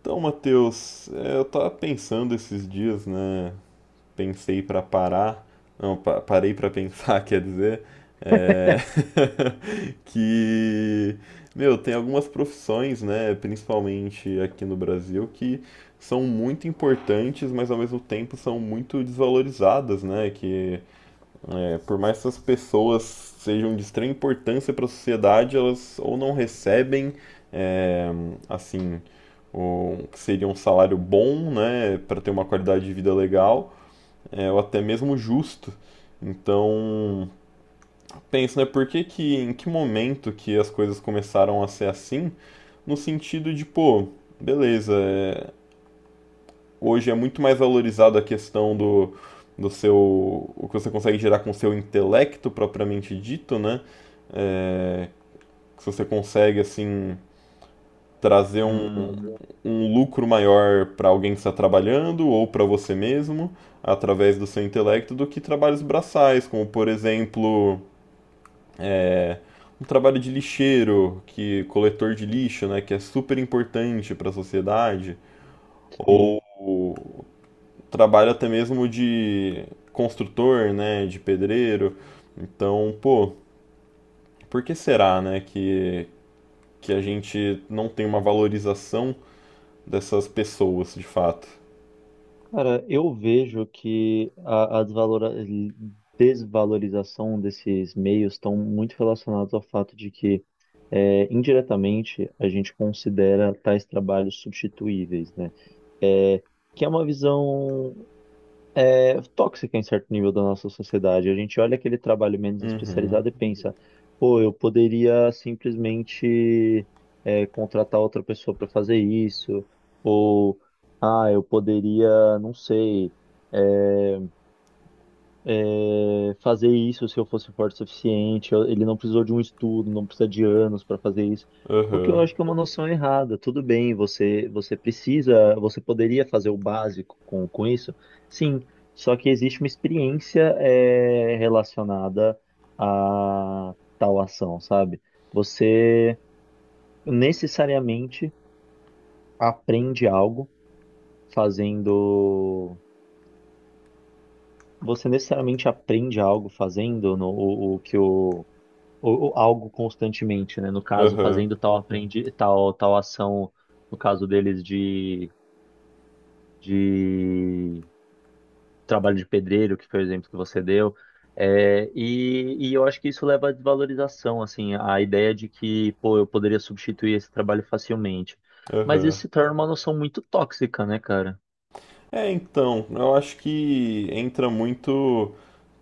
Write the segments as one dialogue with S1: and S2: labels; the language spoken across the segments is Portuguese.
S1: Então, Matheus, eu tava pensando esses dias, né? Pensei pra parar, não, parei pra pensar, quer dizer, é, que, meu, tem algumas profissões, né, principalmente aqui no Brasil, que são muito importantes, mas ao mesmo tempo são muito desvalorizadas, né? Por mais que essas pessoas sejam de extrema importância para a sociedade, elas ou não recebem, é, assim, o que seria um salário bom, né, para ter uma qualidade de vida legal, ou até mesmo justo. Então, penso, né, em que momento que as coisas começaram a ser assim? No sentido de, pô, beleza, hoje é muito mais valorizado a questão do seu o que você consegue gerar com o seu intelecto propriamente dito, né? Se você consegue assim trazer um,
S2: Hum,
S1: um lucro maior para alguém que está trabalhando ou para você mesmo através do seu intelecto do que trabalhos braçais, como por exemplo um trabalho de lixeiro, que coletor de lixo, né, que é super importante para a sociedade,
S2: sim.
S1: trabalho até mesmo de construtor, né, de pedreiro. Então, pô, por que será, né, que a gente não tem uma valorização dessas pessoas, de fato?
S2: Cara, eu vejo que a desvalorização desses meios estão muito relacionados ao fato de que, indiretamente, a gente considera tais trabalhos substituíveis, né? É, que é uma visão é tóxica em certo nível da nossa sociedade. A gente olha aquele trabalho menos
S1: Uhum,
S2: especializado e pensa, pô, eu poderia simplesmente contratar outra pessoa para fazer isso, ou ah, eu poderia, não sei. é, Fazer isso se eu fosse forte o suficiente. Ele não precisou de um estudo, não precisa de anos para fazer isso. O que eu
S1: aham,
S2: acho que é uma noção errada. Tudo bem, você precisa, você poderia fazer o básico com isso, sim. Só que existe uma experiência relacionada a tal ação, sabe? Você necessariamente aprende algo fazendo. Você necessariamente aprende algo fazendo no- o que o ou algo constantemente, né? No caso,
S1: aham,
S2: fazendo tal aprendi tal ação, no caso deles de trabalho de pedreiro, que foi o exemplo que você deu. É, e eu acho que isso leva à desvalorização, assim, a ideia de que, pô, eu poderia substituir esse trabalho facilmente. Mas
S1: aham.
S2: isso se torna uma noção muito tóxica, né, cara?
S1: Eu acho que entra muito,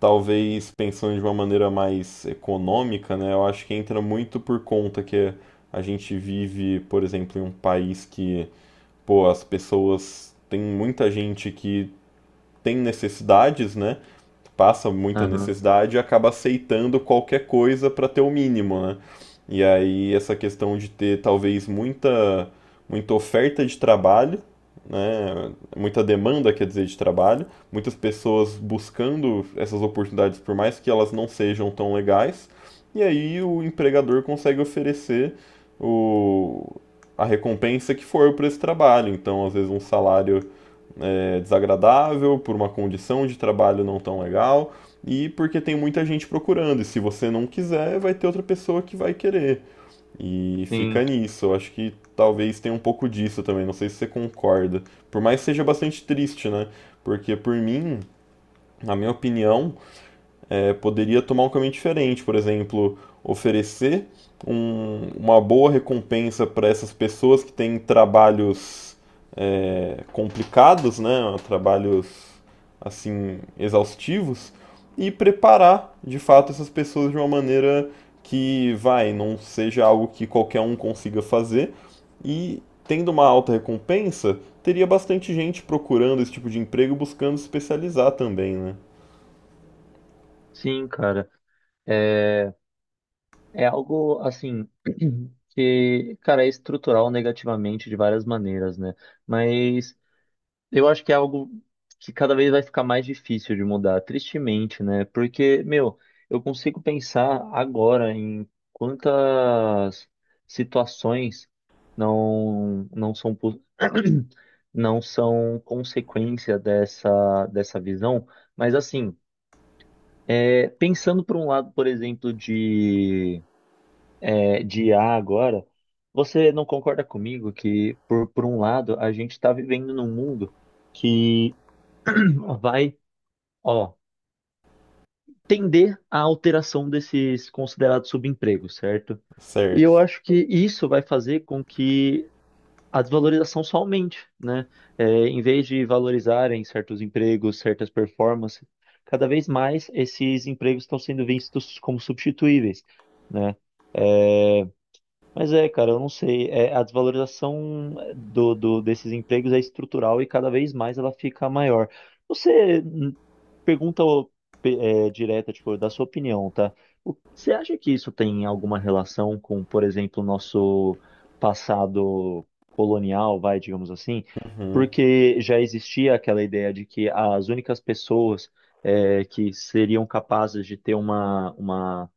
S1: talvez pensando de uma maneira mais econômica, né? Eu acho que entra muito por conta que a gente vive, por exemplo, em um país que, pô, as pessoas tem muita gente que tem necessidades, né? Passa muita
S2: Aham.
S1: necessidade e acaba aceitando qualquer coisa para ter o mínimo, né? E aí essa questão de ter talvez muita oferta de trabalho, né? Muita demanda, quer dizer, de trabalho, muitas pessoas buscando essas oportunidades por mais que elas não sejam tão legais, e aí o empregador consegue oferecer o, a recompensa que for por esse trabalho. Então, às vezes um salário desagradável, por uma condição de trabalho não tão legal e porque tem muita gente procurando. E se você não quiser, vai ter outra pessoa que vai querer. E fica
S2: Sim,
S1: nisso. Eu acho que talvez tenha um pouco disso também. Não sei se você concorda. Por mais que seja bastante triste, né? Porque por mim, na minha opinião, poderia tomar um caminho diferente. Por exemplo, oferecer uma boa recompensa para essas pessoas que têm trabalhos complicados, né, trabalhos assim exaustivos e preparar de fato essas pessoas de uma maneira que vai não seja algo que qualquer um consiga fazer e tendo uma alta recompensa teria bastante gente procurando esse tipo de emprego buscando se especializar também, né?
S2: sim, cara. É, É algo assim que, cara, é estrutural negativamente de várias maneiras, né? Mas eu acho que é algo que cada vez vai ficar mais difícil de mudar, tristemente, né? Porque, meu, eu consigo pensar agora em quantas situações não são não são consequência dessa visão, mas assim, pensando por um lado, por exemplo, de I a agora, você não concorda comigo que, por um lado, a gente está vivendo num mundo que vai, ó, tender à alteração desses considerados subempregos, certo? E
S1: Certo.
S2: eu acho que isso vai fazer com que a desvalorização só aumente, né? Em vez de valorizarem certos empregos, certas performances, cada vez mais esses empregos estão sendo vistos como substituíveis, né? Eh, Mas é, cara, eu não sei. A desvalorização desses empregos é estrutural e cada vez mais ela fica maior. Você pergunta ô, direta, tipo, da sua opinião, tá? Você acha que isso tem alguma relação com, por exemplo, o nosso passado colonial, vai, digamos assim?
S1: Uhum.
S2: Porque já existia aquela ideia de que as únicas pessoas que seriam capazes de ter uma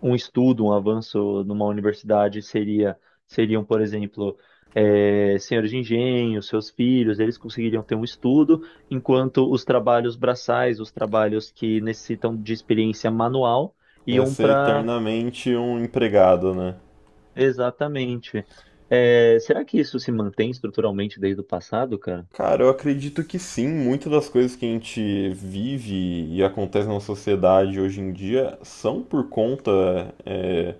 S2: um estudo, um avanço numa universidade seriam, por exemplo, senhores de engenho, seus filhos, eles conseguiriam ter um estudo, enquanto os trabalhos braçais, os trabalhos que necessitam de experiência manual,
S1: Ia
S2: iam
S1: ser
S2: para.
S1: eternamente um empregado, né?
S2: Exatamente. Será que isso se mantém estruturalmente desde o passado, cara?
S1: Cara, eu acredito que sim, muitas das coisas que a gente vive e acontece na sociedade hoje em dia são por conta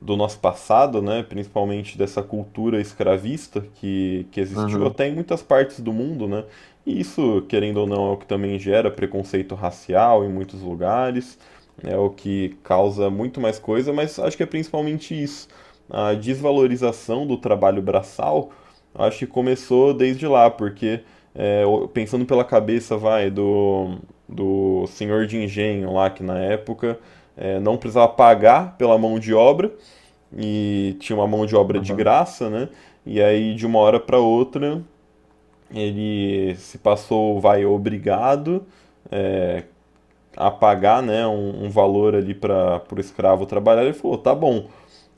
S1: do nosso passado, né, principalmente dessa cultura escravista que existiu
S2: Aham,
S1: até em muitas partes do mundo, né, e isso, querendo ou não, é o que também gera preconceito racial em muitos lugares, é o que causa muito mais coisa, mas acho que é principalmente isso, a desvalorização do trabalho braçal, acho que começou desde lá, porque é, pensando pela cabeça, vai, do senhor de engenho lá, que na época não precisava pagar pela mão de obra, e tinha uma mão de obra de
S2: aham.
S1: graça, né? E aí de uma hora para outra ele se passou, vai obrigado a pagar, né, um valor ali para o escravo trabalhar. Ele falou, tá bom,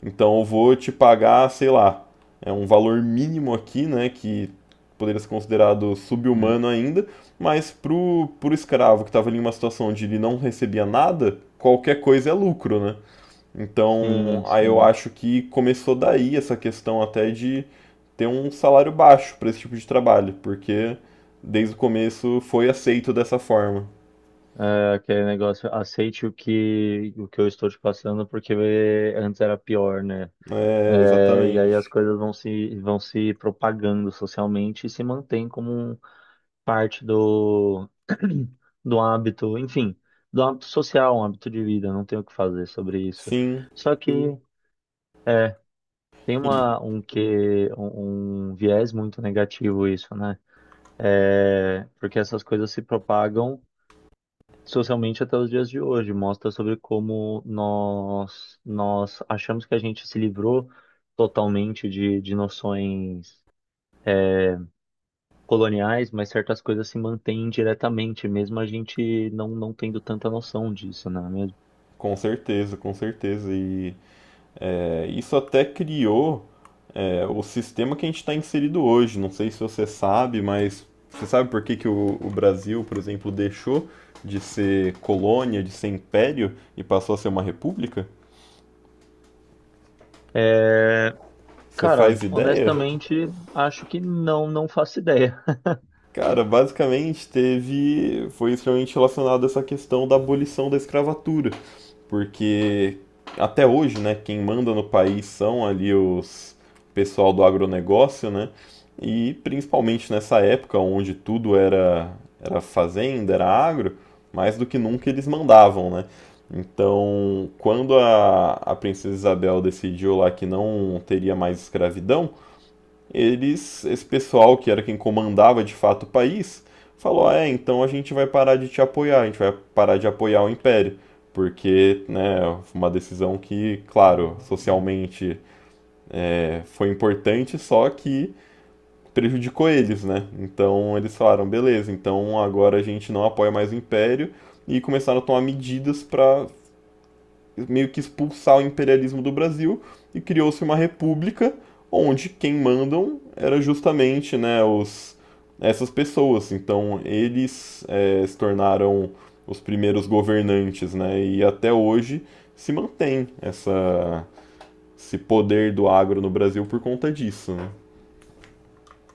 S1: então eu vou te pagar, sei lá, é um valor mínimo aqui, né, que poderia ser considerado sub
S2: É.
S1: humano ainda, mas pro escravo que estava ali em uma situação onde ele não recebia nada, qualquer coisa é lucro, né? Então,
S2: Sim,
S1: aí eu
S2: sim.
S1: acho que começou daí essa questão até de ter um salário baixo para esse tipo de trabalho, porque desde o começo foi aceito dessa forma.
S2: É, aquele negócio, aceite o que eu estou te passando, porque antes era pior, né?
S1: É,
S2: É, e aí as
S1: exatamente.
S2: coisas vão se propagando socialmente e se mantém como parte do hábito, enfim, do hábito social, um hábito de vida, não tem o que fazer sobre isso.
S1: Sim,
S2: Só, sim, que, sim, é, tem
S1: e
S2: uma, um que um viés muito negativo isso, né? É, porque essas coisas se propagam socialmente até os dias de hoje, mostra sobre como nós achamos que a gente se livrou totalmente de noções coloniais, mas certas coisas se mantêm diretamente, mesmo a gente não tendo tanta noção disso, não é mesmo?
S1: com certeza, com certeza. E isso até criou o sistema que a gente está inserido hoje. Não sei se você sabe, mas você sabe por que que o Brasil, por exemplo, deixou de ser colônia, de ser império e passou a ser uma república?
S2: É,
S1: Você faz
S2: cara,
S1: ideia?
S2: honestamente, acho que não faço ideia.
S1: Cara, basicamente teve. Foi extremamente relacionado a essa questão da abolição da escravatura. Porque até hoje, né, quem manda no país são ali os pessoal do agronegócio, né? E principalmente nessa época onde tudo era fazenda, era agro, mais do que nunca eles mandavam, né? Então, quando a princesa Isabel decidiu lá que não teria mais escravidão, eles, esse pessoal que era quem comandava de fato o país, falou: "Ah, é, então a gente vai parar de te apoiar, a gente vai parar de apoiar o Império, porque, né, uma decisão que, claro,
S2: Hum.
S1: socialmente foi importante, só que prejudicou eles, né? Então eles falaram: beleza, então agora a gente não apoia mais o Império e começaram a tomar medidas para meio que expulsar o imperialismo do Brasil e criou-se uma república onde quem mandam era justamente né, os, essas pessoas. Então eles se tornaram os primeiros governantes, né? E até hoje se mantém essa, esse poder do agro no Brasil por conta disso, né?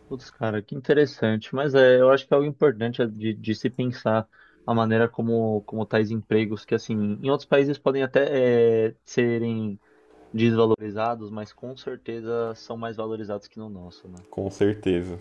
S2: Putz, cara, que interessante. Mas é, eu acho que é algo importante de se pensar a maneira como tais empregos, que assim, em outros países podem até serem desvalorizados, mas com certeza são mais valorizados que no nosso, né?
S1: Com certeza.